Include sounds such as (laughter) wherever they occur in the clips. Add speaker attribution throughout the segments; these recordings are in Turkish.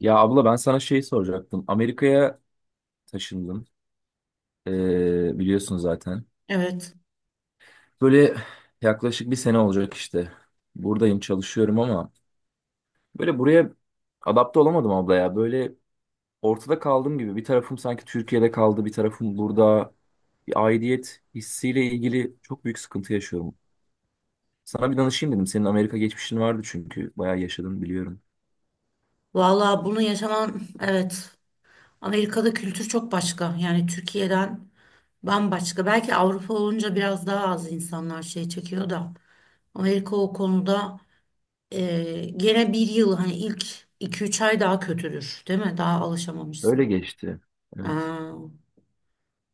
Speaker 1: Ya abla ben sana şey soracaktım. Amerika'ya taşındım. Biliyorsun zaten.
Speaker 2: Evet.
Speaker 1: Böyle yaklaşık bir sene olacak işte. Buradayım çalışıyorum ama böyle buraya adapte olamadım abla ya. Böyle ortada kaldığım gibi bir tarafım sanki Türkiye'de kaldı, bir tarafım burada. Bir aidiyet hissiyle ilgili çok büyük sıkıntı yaşıyorum. Sana bir danışayım dedim. Senin Amerika geçmişin vardı çünkü. Bayağı yaşadın biliyorum.
Speaker 2: Vallahi bunu yaşaman evet. Amerika'da kültür çok başka. Yani Türkiye'den bambaşka. Belki Avrupa olunca biraz daha az insanlar şey çekiyor da. Amerika o konuda gene bir yıl hani ilk 2-3 ay daha kötüdür. Değil mi? Daha
Speaker 1: Öyle
Speaker 2: alışamamışsın.
Speaker 1: geçti. Evet.
Speaker 2: Aa.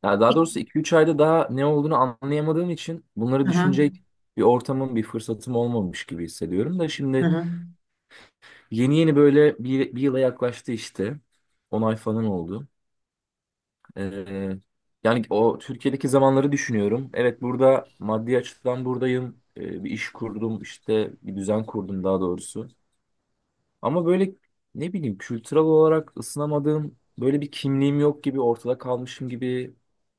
Speaker 1: Ya daha
Speaker 2: İlk-
Speaker 1: doğrusu iki üç ayda daha ne olduğunu anlayamadığım için bunları
Speaker 2: Hı hı.
Speaker 1: düşünecek bir ortamım, bir fırsatım olmamış gibi hissediyorum da
Speaker 2: Hı
Speaker 1: şimdi
Speaker 2: hı.
Speaker 1: yeni yeni böyle bir yıla yaklaştı işte. 10 ay falan oldu. Ee, yani o Türkiye'deki zamanları düşünüyorum. Evet burada maddi açıdan buradayım. Bir iş kurdum işte bir düzen kurdum daha doğrusu. Ama böyle ne bileyim kültürel olarak ısınamadığım böyle bir kimliğim yok gibi ortada kalmışım gibi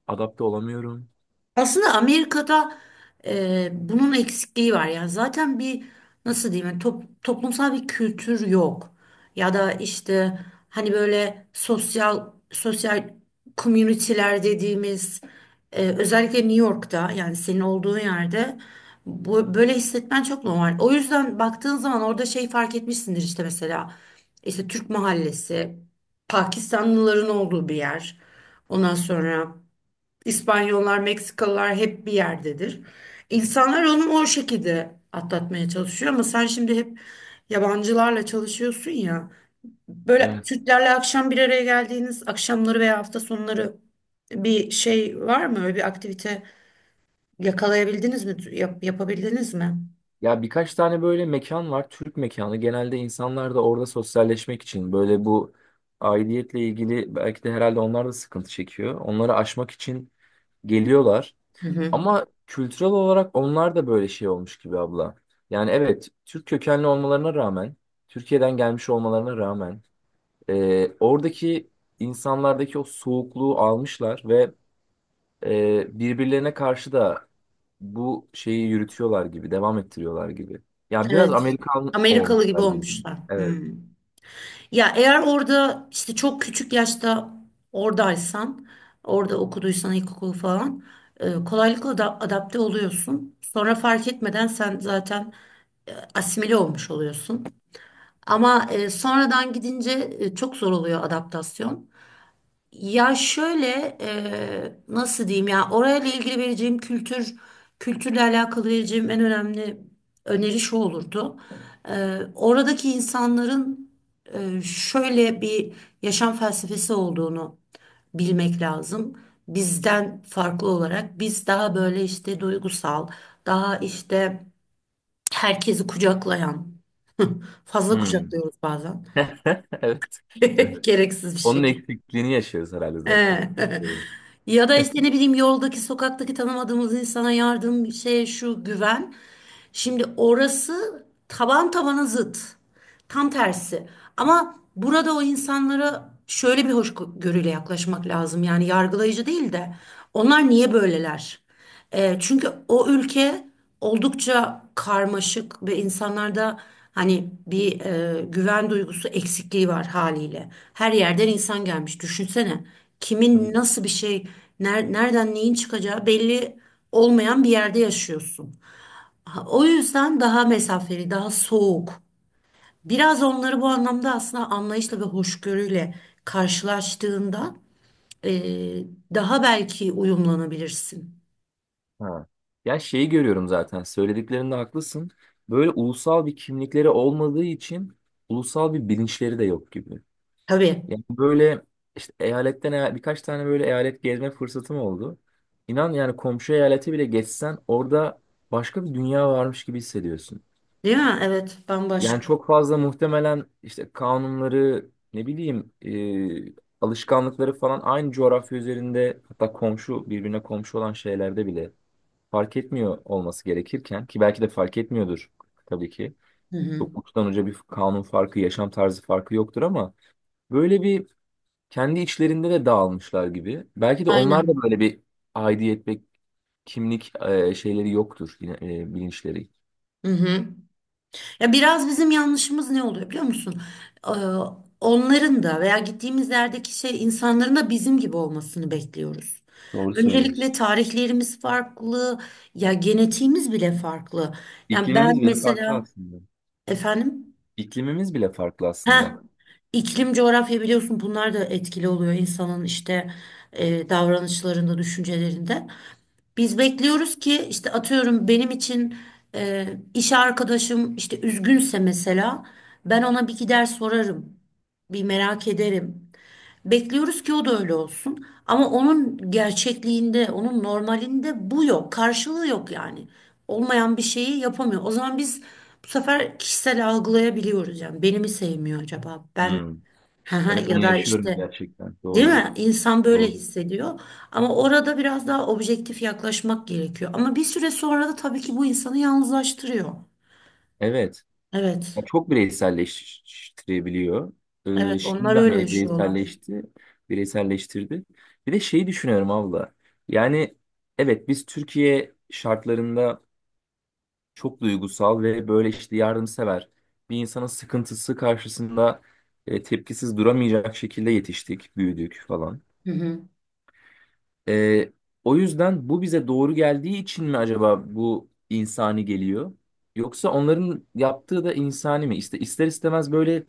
Speaker 1: adapte olamıyorum.
Speaker 2: Aslında Amerika'da bunun eksikliği var. Yani zaten bir nasıl diyeyim yani toplumsal bir kültür yok. Ya da işte hani böyle sosyal sosyal community'ler dediğimiz özellikle New York'ta yani senin olduğun yerde bu böyle hissetmen çok normal. O yüzden baktığın zaman orada şey fark etmişsindir işte mesela işte Türk mahallesi, Pakistanlıların olduğu bir yer. Ondan sonra İspanyollar, Meksikalılar hep bir yerdedir. İnsanlar onu o şekilde atlatmaya çalışıyor ama sen şimdi hep yabancılarla çalışıyorsun ya. Böyle
Speaker 1: Evet.
Speaker 2: Türklerle akşam bir araya geldiğiniz akşamları veya hafta sonları bir şey var mı? Öyle bir aktivite yakalayabildiniz mi? Yapabildiniz mi?
Speaker 1: Ya birkaç tane böyle mekan var. Türk mekanı. Genelde insanlar da orada sosyalleşmek için böyle bu aidiyetle ilgili belki de herhalde onlar da sıkıntı çekiyor. Onları aşmak için geliyorlar.
Speaker 2: Hı hı.
Speaker 1: Ama kültürel olarak onlar da böyle şey olmuş gibi abla. Yani evet Türk kökenli olmalarına rağmen, Türkiye'den gelmiş olmalarına rağmen oradaki insanlardaki o soğukluğu almışlar ve birbirlerine karşı da bu şeyi yürütüyorlar gibi, devam ettiriyorlar gibi. Ya biraz
Speaker 2: Evet.
Speaker 1: Amerikan
Speaker 2: Amerikalı gibi
Speaker 1: olmuşlar gibi.
Speaker 2: olmuşlar. Hı.
Speaker 1: Evet.
Speaker 2: Ya eğer orada işte çok küçük yaşta oradaysan, orada okuduysan ilkokulu falan kolaylıkla da adapte oluyorsun. Sonra fark etmeden sen zaten asimile olmuş oluyorsun. Ama sonradan gidince çok zor oluyor adaptasyon. Ya şöyle nasıl diyeyim ya orayla ilgili vereceğim kültürle alakalı vereceğim en önemli öneri şu olurdu. Oradaki insanların şöyle bir yaşam felsefesi olduğunu bilmek lazım. Bizden farklı olarak biz daha böyle işte duygusal, daha işte herkesi kucaklayan, fazla
Speaker 1: Hmm.
Speaker 2: kucaklıyoruz bazen
Speaker 1: (laughs) Evet. Evet.
Speaker 2: (laughs) gereksiz bir
Speaker 1: Onun
Speaker 2: şekilde.
Speaker 1: eksikliğini yaşıyoruz herhalde zaten.
Speaker 2: He. (laughs)
Speaker 1: Evet.
Speaker 2: Ya da işte ne bileyim yoldaki sokaktaki tanımadığımız insana yardım şey şu güven. Şimdi orası taban tabana zıt. Tam tersi. Ama burada o insanlara şöyle bir hoşgörüyle yaklaşmak lazım. Yani yargılayıcı değil de onlar niye böyleler? Çünkü o ülke oldukça karmaşık ve insanlarda hani bir güven duygusu eksikliği var haliyle. Her yerden insan gelmiş. Düşünsene kimin
Speaker 1: Tabii.
Speaker 2: nasıl bir şey, nereden neyin çıkacağı belli olmayan bir yerde yaşıyorsun. Ha, o yüzden daha mesafeli, daha soğuk. Biraz onları bu anlamda aslında anlayışla ve hoşgörüyle karşılaştığında e, daha belki uyumlanabilirsin.
Speaker 1: Ha. Ya şeyi görüyorum zaten. Söylediklerinde haklısın. Böyle ulusal bir kimlikleri olmadığı için ulusal bir bilinçleri de yok gibi.
Speaker 2: Tabii,
Speaker 1: Yani böyle işte birkaç tane böyle eyalet gezme fırsatım oldu. İnan yani komşu eyaleti bile geçsen orada başka bir dünya varmış gibi hissediyorsun.
Speaker 2: değil mi? Evet,
Speaker 1: Yani
Speaker 2: bambaşka.
Speaker 1: çok fazla muhtemelen işte kanunları ne bileyim e, alışkanlıkları falan aynı coğrafya üzerinde hatta birbirine komşu olan şeylerde bile fark etmiyor olması gerekirken ki belki de fark etmiyordur tabii ki.
Speaker 2: Hı hı.
Speaker 1: Çok uçtan uca bir kanun farkı, yaşam tarzı farkı yoktur ama böyle bir kendi içlerinde de dağılmışlar gibi. Belki de onlar da
Speaker 2: Aynen.
Speaker 1: böyle bir aidiyet ve kimlik şeyleri yoktur yine bilinçleri.
Speaker 2: Hı hı. Ya biraz bizim yanlışımız ne oluyor biliyor musun? Ee, Onların da veya gittiğimiz yerdeki şey insanların da bizim gibi olmasını bekliyoruz.
Speaker 1: Doğru söylüyorsun.
Speaker 2: Öncelikle tarihlerimiz farklı, ya genetiğimiz bile farklı. Yani ben
Speaker 1: İklimimiz bile farklı
Speaker 2: mesela
Speaker 1: aslında.
Speaker 2: efendim,
Speaker 1: İklimimiz bile farklı aslında.
Speaker 2: ha iklim coğrafya biliyorsun bunlar da etkili oluyor insanın işte davranışlarında, düşüncelerinde. Biz bekliyoruz ki işte atıyorum benim için e, iş arkadaşım işte üzgünse mesela ben ona bir gider sorarım. Bir merak ederim. Bekliyoruz ki o da öyle olsun. Ama onun gerçekliğinde, onun normalinde bu yok. Karşılığı yok yani. Olmayan bir şeyi yapamıyor. O zaman biz bu sefer kişisel algılayabiliyoruz yani. Beni mi sevmiyor acaba? Ben
Speaker 1: Hmm.
Speaker 2: (laughs)
Speaker 1: Evet
Speaker 2: ya
Speaker 1: onu
Speaker 2: da
Speaker 1: yaşıyorum
Speaker 2: işte.
Speaker 1: gerçekten.
Speaker 2: Değil
Speaker 1: Doğru.
Speaker 2: mi? İnsan böyle
Speaker 1: Doğru.
Speaker 2: hissediyor. Ama orada biraz daha objektif yaklaşmak gerekiyor. Ama bir süre sonra da tabii ki bu insanı yalnızlaştırıyor.
Speaker 1: Evet. Ya
Speaker 2: Evet.
Speaker 1: çok bireyselleştirebiliyor.
Speaker 2: Evet, onlar öyle
Speaker 1: Şimdiden
Speaker 2: yani
Speaker 1: beni
Speaker 2: yaşıyorlar.
Speaker 1: bireyselleşti. Bireyselleştirdi. Bir de şeyi düşünüyorum abla. Yani evet biz Türkiye şartlarında çok duygusal ve böyle işte yardımsever. Bir insanın sıkıntısı karşısında tepkisiz duramayacak şekilde yetiştik, büyüdük falan.
Speaker 2: Hı hı.
Speaker 1: E, o yüzden bu bize doğru geldiği için mi acaba bu insani geliyor? Yoksa onların yaptığı da insani mi? İşte ister istemez böyle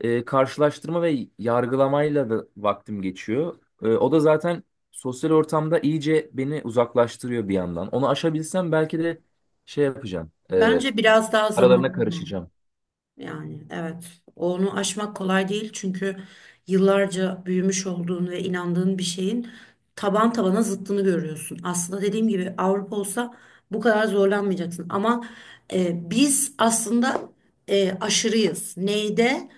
Speaker 1: karşılaştırma ve yargılamayla da vaktim geçiyor. E, o da zaten sosyal ortamda iyice beni uzaklaştırıyor bir yandan. Onu aşabilsem belki de şey yapacağım.
Speaker 2: Bence biraz daha zamanlı.
Speaker 1: Aralarına karışacağım.
Speaker 2: Yani evet onu aşmak kolay değil çünkü yıllarca büyümüş olduğun ve inandığın bir şeyin taban tabana zıttını görüyorsun. Aslında dediğim gibi Avrupa olsa bu kadar zorlanmayacaksın ama biz aslında aşırıyız. Neyde?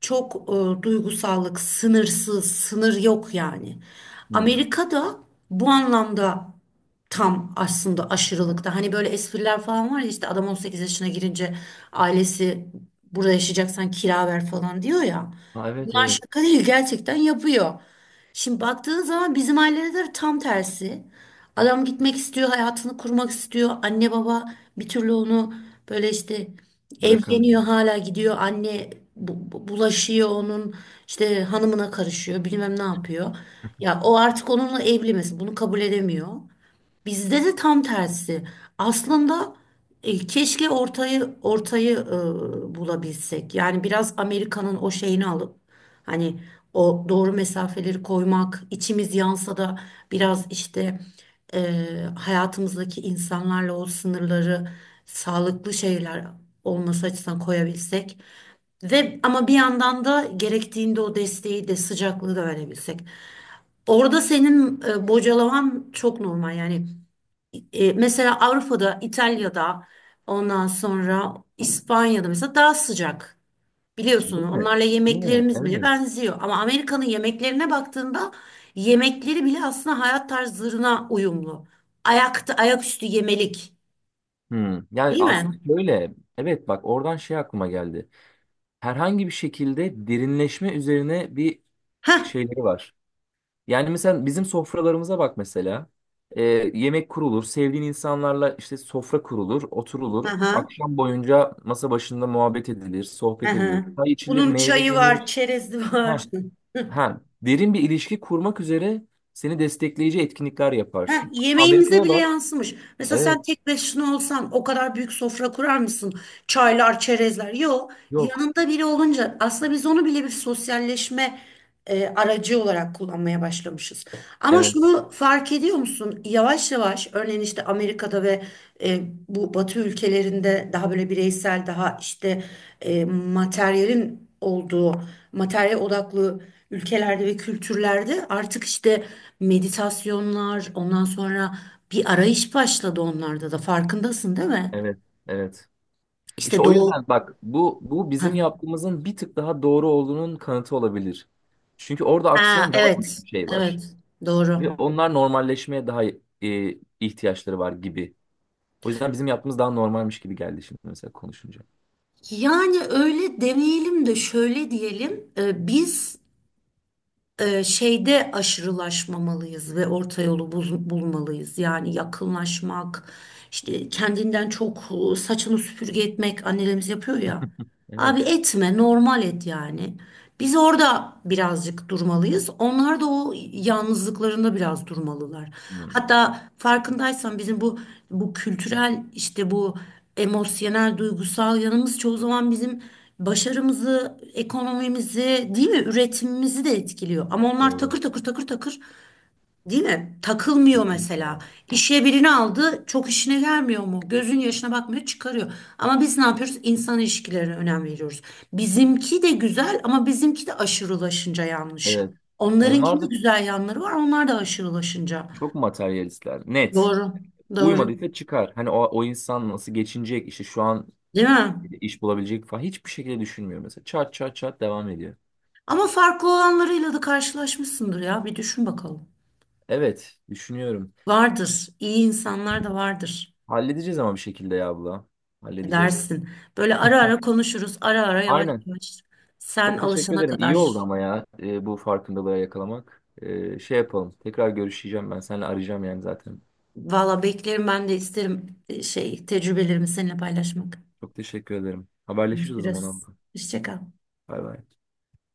Speaker 2: Çok duygusallık, sınırsız, sınır yok yani.
Speaker 1: Hmm.
Speaker 2: Amerika'da bu anlamda tam aslında aşırılıkta. Hani böyle espriler falan var ya işte adam 18 yaşına girince ailesi burada yaşayacaksan kira ver falan diyor ya.
Speaker 1: Ha, evet
Speaker 2: Bunlar
Speaker 1: evet
Speaker 2: şaka değil gerçekten yapıyor. Şimdi baktığın zaman bizim ailede de tam tersi. Adam gitmek istiyor, hayatını kurmak istiyor. Anne baba bir türlü onu böyle işte
Speaker 1: bırakamıyor.
Speaker 2: evleniyor hala gidiyor. Anne bulaşıyor onun işte hanımına karışıyor bilmem ne yapıyor. Ya o artık onunla evli mesela bunu kabul edemiyor. Bizde de tam tersi. Aslında keşke ortayı ortayı bulabilsek. Yani biraz Amerika'nın o şeyini alıp hani o doğru mesafeleri koymak, içimiz yansa da biraz işte e, hayatımızdaki insanlarla o sınırları sağlıklı şeyler olması açısından koyabilsek ve ama bir yandan da gerektiğinde o desteği de sıcaklığı da verebilsek. Orada senin bocalaman çok normal yani mesela Avrupa'da, İtalya'da, ondan sonra İspanya'da mesela daha sıcak. Biliyorsun
Speaker 1: Bu ne?
Speaker 2: onlarla
Speaker 1: Bu ne?
Speaker 2: yemeklerimiz bile
Speaker 1: Evet.
Speaker 2: benziyor. Ama Amerika'nın yemeklerine baktığında yemekleri bile aslında hayat tarzlarına uyumlu. Ayakta, ayaküstü yemelik.
Speaker 1: Hmm. Yani
Speaker 2: Değil
Speaker 1: aslında
Speaker 2: mi?
Speaker 1: şöyle evet bak oradan şey aklıma geldi. Herhangi bir şekilde derinleşme üzerine bir
Speaker 2: Heh.
Speaker 1: şeyleri var. Yani mesela bizim sofralarımıza bak mesela. Ee, yemek kurulur, sevdiğin insanlarla işte sofra kurulur,
Speaker 2: Hı
Speaker 1: oturulur.
Speaker 2: hı.
Speaker 1: Akşam boyunca masa başında muhabbet edilir, sohbet edilir. Çay içilir,
Speaker 2: Bunun
Speaker 1: meyve
Speaker 2: çayı var,
Speaker 1: yenir.
Speaker 2: çerezi var. (laughs)
Speaker 1: Ha, derin bir ilişki kurmak üzere seni destekleyici etkinlikler
Speaker 2: Heh,
Speaker 1: yaparsın.
Speaker 2: yemeğimize
Speaker 1: Amerika'ya
Speaker 2: bile
Speaker 1: bak.
Speaker 2: yansımış. Mesela sen
Speaker 1: Evet,
Speaker 2: tek başına olsan o kadar büyük sofra kurar mısın? Çaylar, çerezler. Yok.
Speaker 1: yok.
Speaker 2: Yanında biri olunca aslında biz onu bile bir sosyalleşme aracı olarak kullanmaya başlamışız. Ama
Speaker 1: Evet,
Speaker 2: şunu fark ediyor musun? Yavaş yavaş örneğin işte Amerika'da ve e, bu Batı ülkelerinde daha böyle bireysel, daha işte materyalin olduğu, materyal odaklı ülkelerde ve kültürlerde artık işte meditasyonlar, ondan sonra bir arayış başladı onlarda da. Farkındasın değil mi?
Speaker 1: evet, evet. İşte
Speaker 2: İşte
Speaker 1: o
Speaker 2: doğu.
Speaker 1: yüzden bak bu bizim
Speaker 2: Ha,
Speaker 1: yaptığımızın bir tık daha doğru olduğunun kanıtı olabilir. Çünkü orada
Speaker 2: ha,
Speaker 1: aksayan daha büyük bir
Speaker 2: evet,
Speaker 1: şey var.
Speaker 2: evet,
Speaker 1: Ve
Speaker 2: doğru.
Speaker 1: onlar normalleşmeye daha ihtiyaçları var gibi. O yüzden bizim yaptığımız daha normalmiş gibi geldi şimdi mesela konuşunca.
Speaker 2: Yani öyle demeyelim de şöyle diyelim. Biz şeyde aşırılaşmamalıyız ve orta yolu bulmalıyız. Yani yakınlaşmak, işte kendinden çok saçını süpürge etmek annelerimiz yapıyor ya.
Speaker 1: (laughs)
Speaker 2: Abi
Speaker 1: Evet.
Speaker 2: etme, normal et yani. Biz orada birazcık durmalıyız. Onlar da o yalnızlıklarında biraz durmalılar.
Speaker 1: Hmm,
Speaker 2: Hatta farkındaysan bizim bu kültürel işte bu emosyonel duygusal yanımız çoğu zaman bizim başarımızı, ekonomimizi, değil mi, üretimimizi de etkiliyor. Ama onlar
Speaker 1: doğru.
Speaker 2: takır takır takır takır, değil mi? Takılmıyor mesela.
Speaker 1: Kesinlikle.
Speaker 2: İşe birini aldı, çok işine gelmiyor mu? Gözün yaşına bakmıyor, çıkarıyor. Ama biz ne yapıyoruz? İnsan ilişkilerine önem veriyoruz. Bizimki de güzel ama bizimki de aşırılaşınca yanlış.
Speaker 1: Evet. Onlar
Speaker 2: Onlarınkinde
Speaker 1: da
Speaker 2: güzel yanları var, onlar da aşırılaşınca.
Speaker 1: çok materyalistler. Net.
Speaker 2: Doğru, doğru.
Speaker 1: Uymadıysa çıkar. Hani o, o insan nasıl geçinecek, işte şu an
Speaker 2: Değil mi?
Speaker 1: iş bulabilecek falan hiçbir şekilde düşünmüyor mesela. Çat çat çat devam ediyor.
Speaker 2: Ama farklı olanlarıyla da karşılaşmışsındır ya. Bir düşün bakalım.
Speaker 1: Evet, düşünüyorum.
Speaker 2: Vardır. İyi insanlar da vardır.
Speaker 1: Halledeceğiz ama bir şekilde ya abla. Halledeceğiz.
Speaker 2: Edersin. Böyle ara ara konuşuruz. Ara ara yavaş
Speaker 1: Aynen.
Speaker 2: yavaş. Sen
Speaker 1: Çok teşekkür
Speaker 2: alışana
Speaker 1: ederim. İyi oldu
Speaker 2: kadar.
Speaker 1: ama ya bu farkındalığa yakalamak. E, şey yapalım. Tekrar görüşeceğim ben. Seninle arayacağım yani zaten.
Speaker 2: Valla beklerim ben de isterim şey tecrübelerimi seninle paylaşmak.
Speaker 1: Çok teşekkür ederim. Haberleşiriz o zaman
Speaker 2: Görüşürüz.
Speaker 1: abla.
Speaker 2: Hoşça kal.
Speaker 1: Bay bay.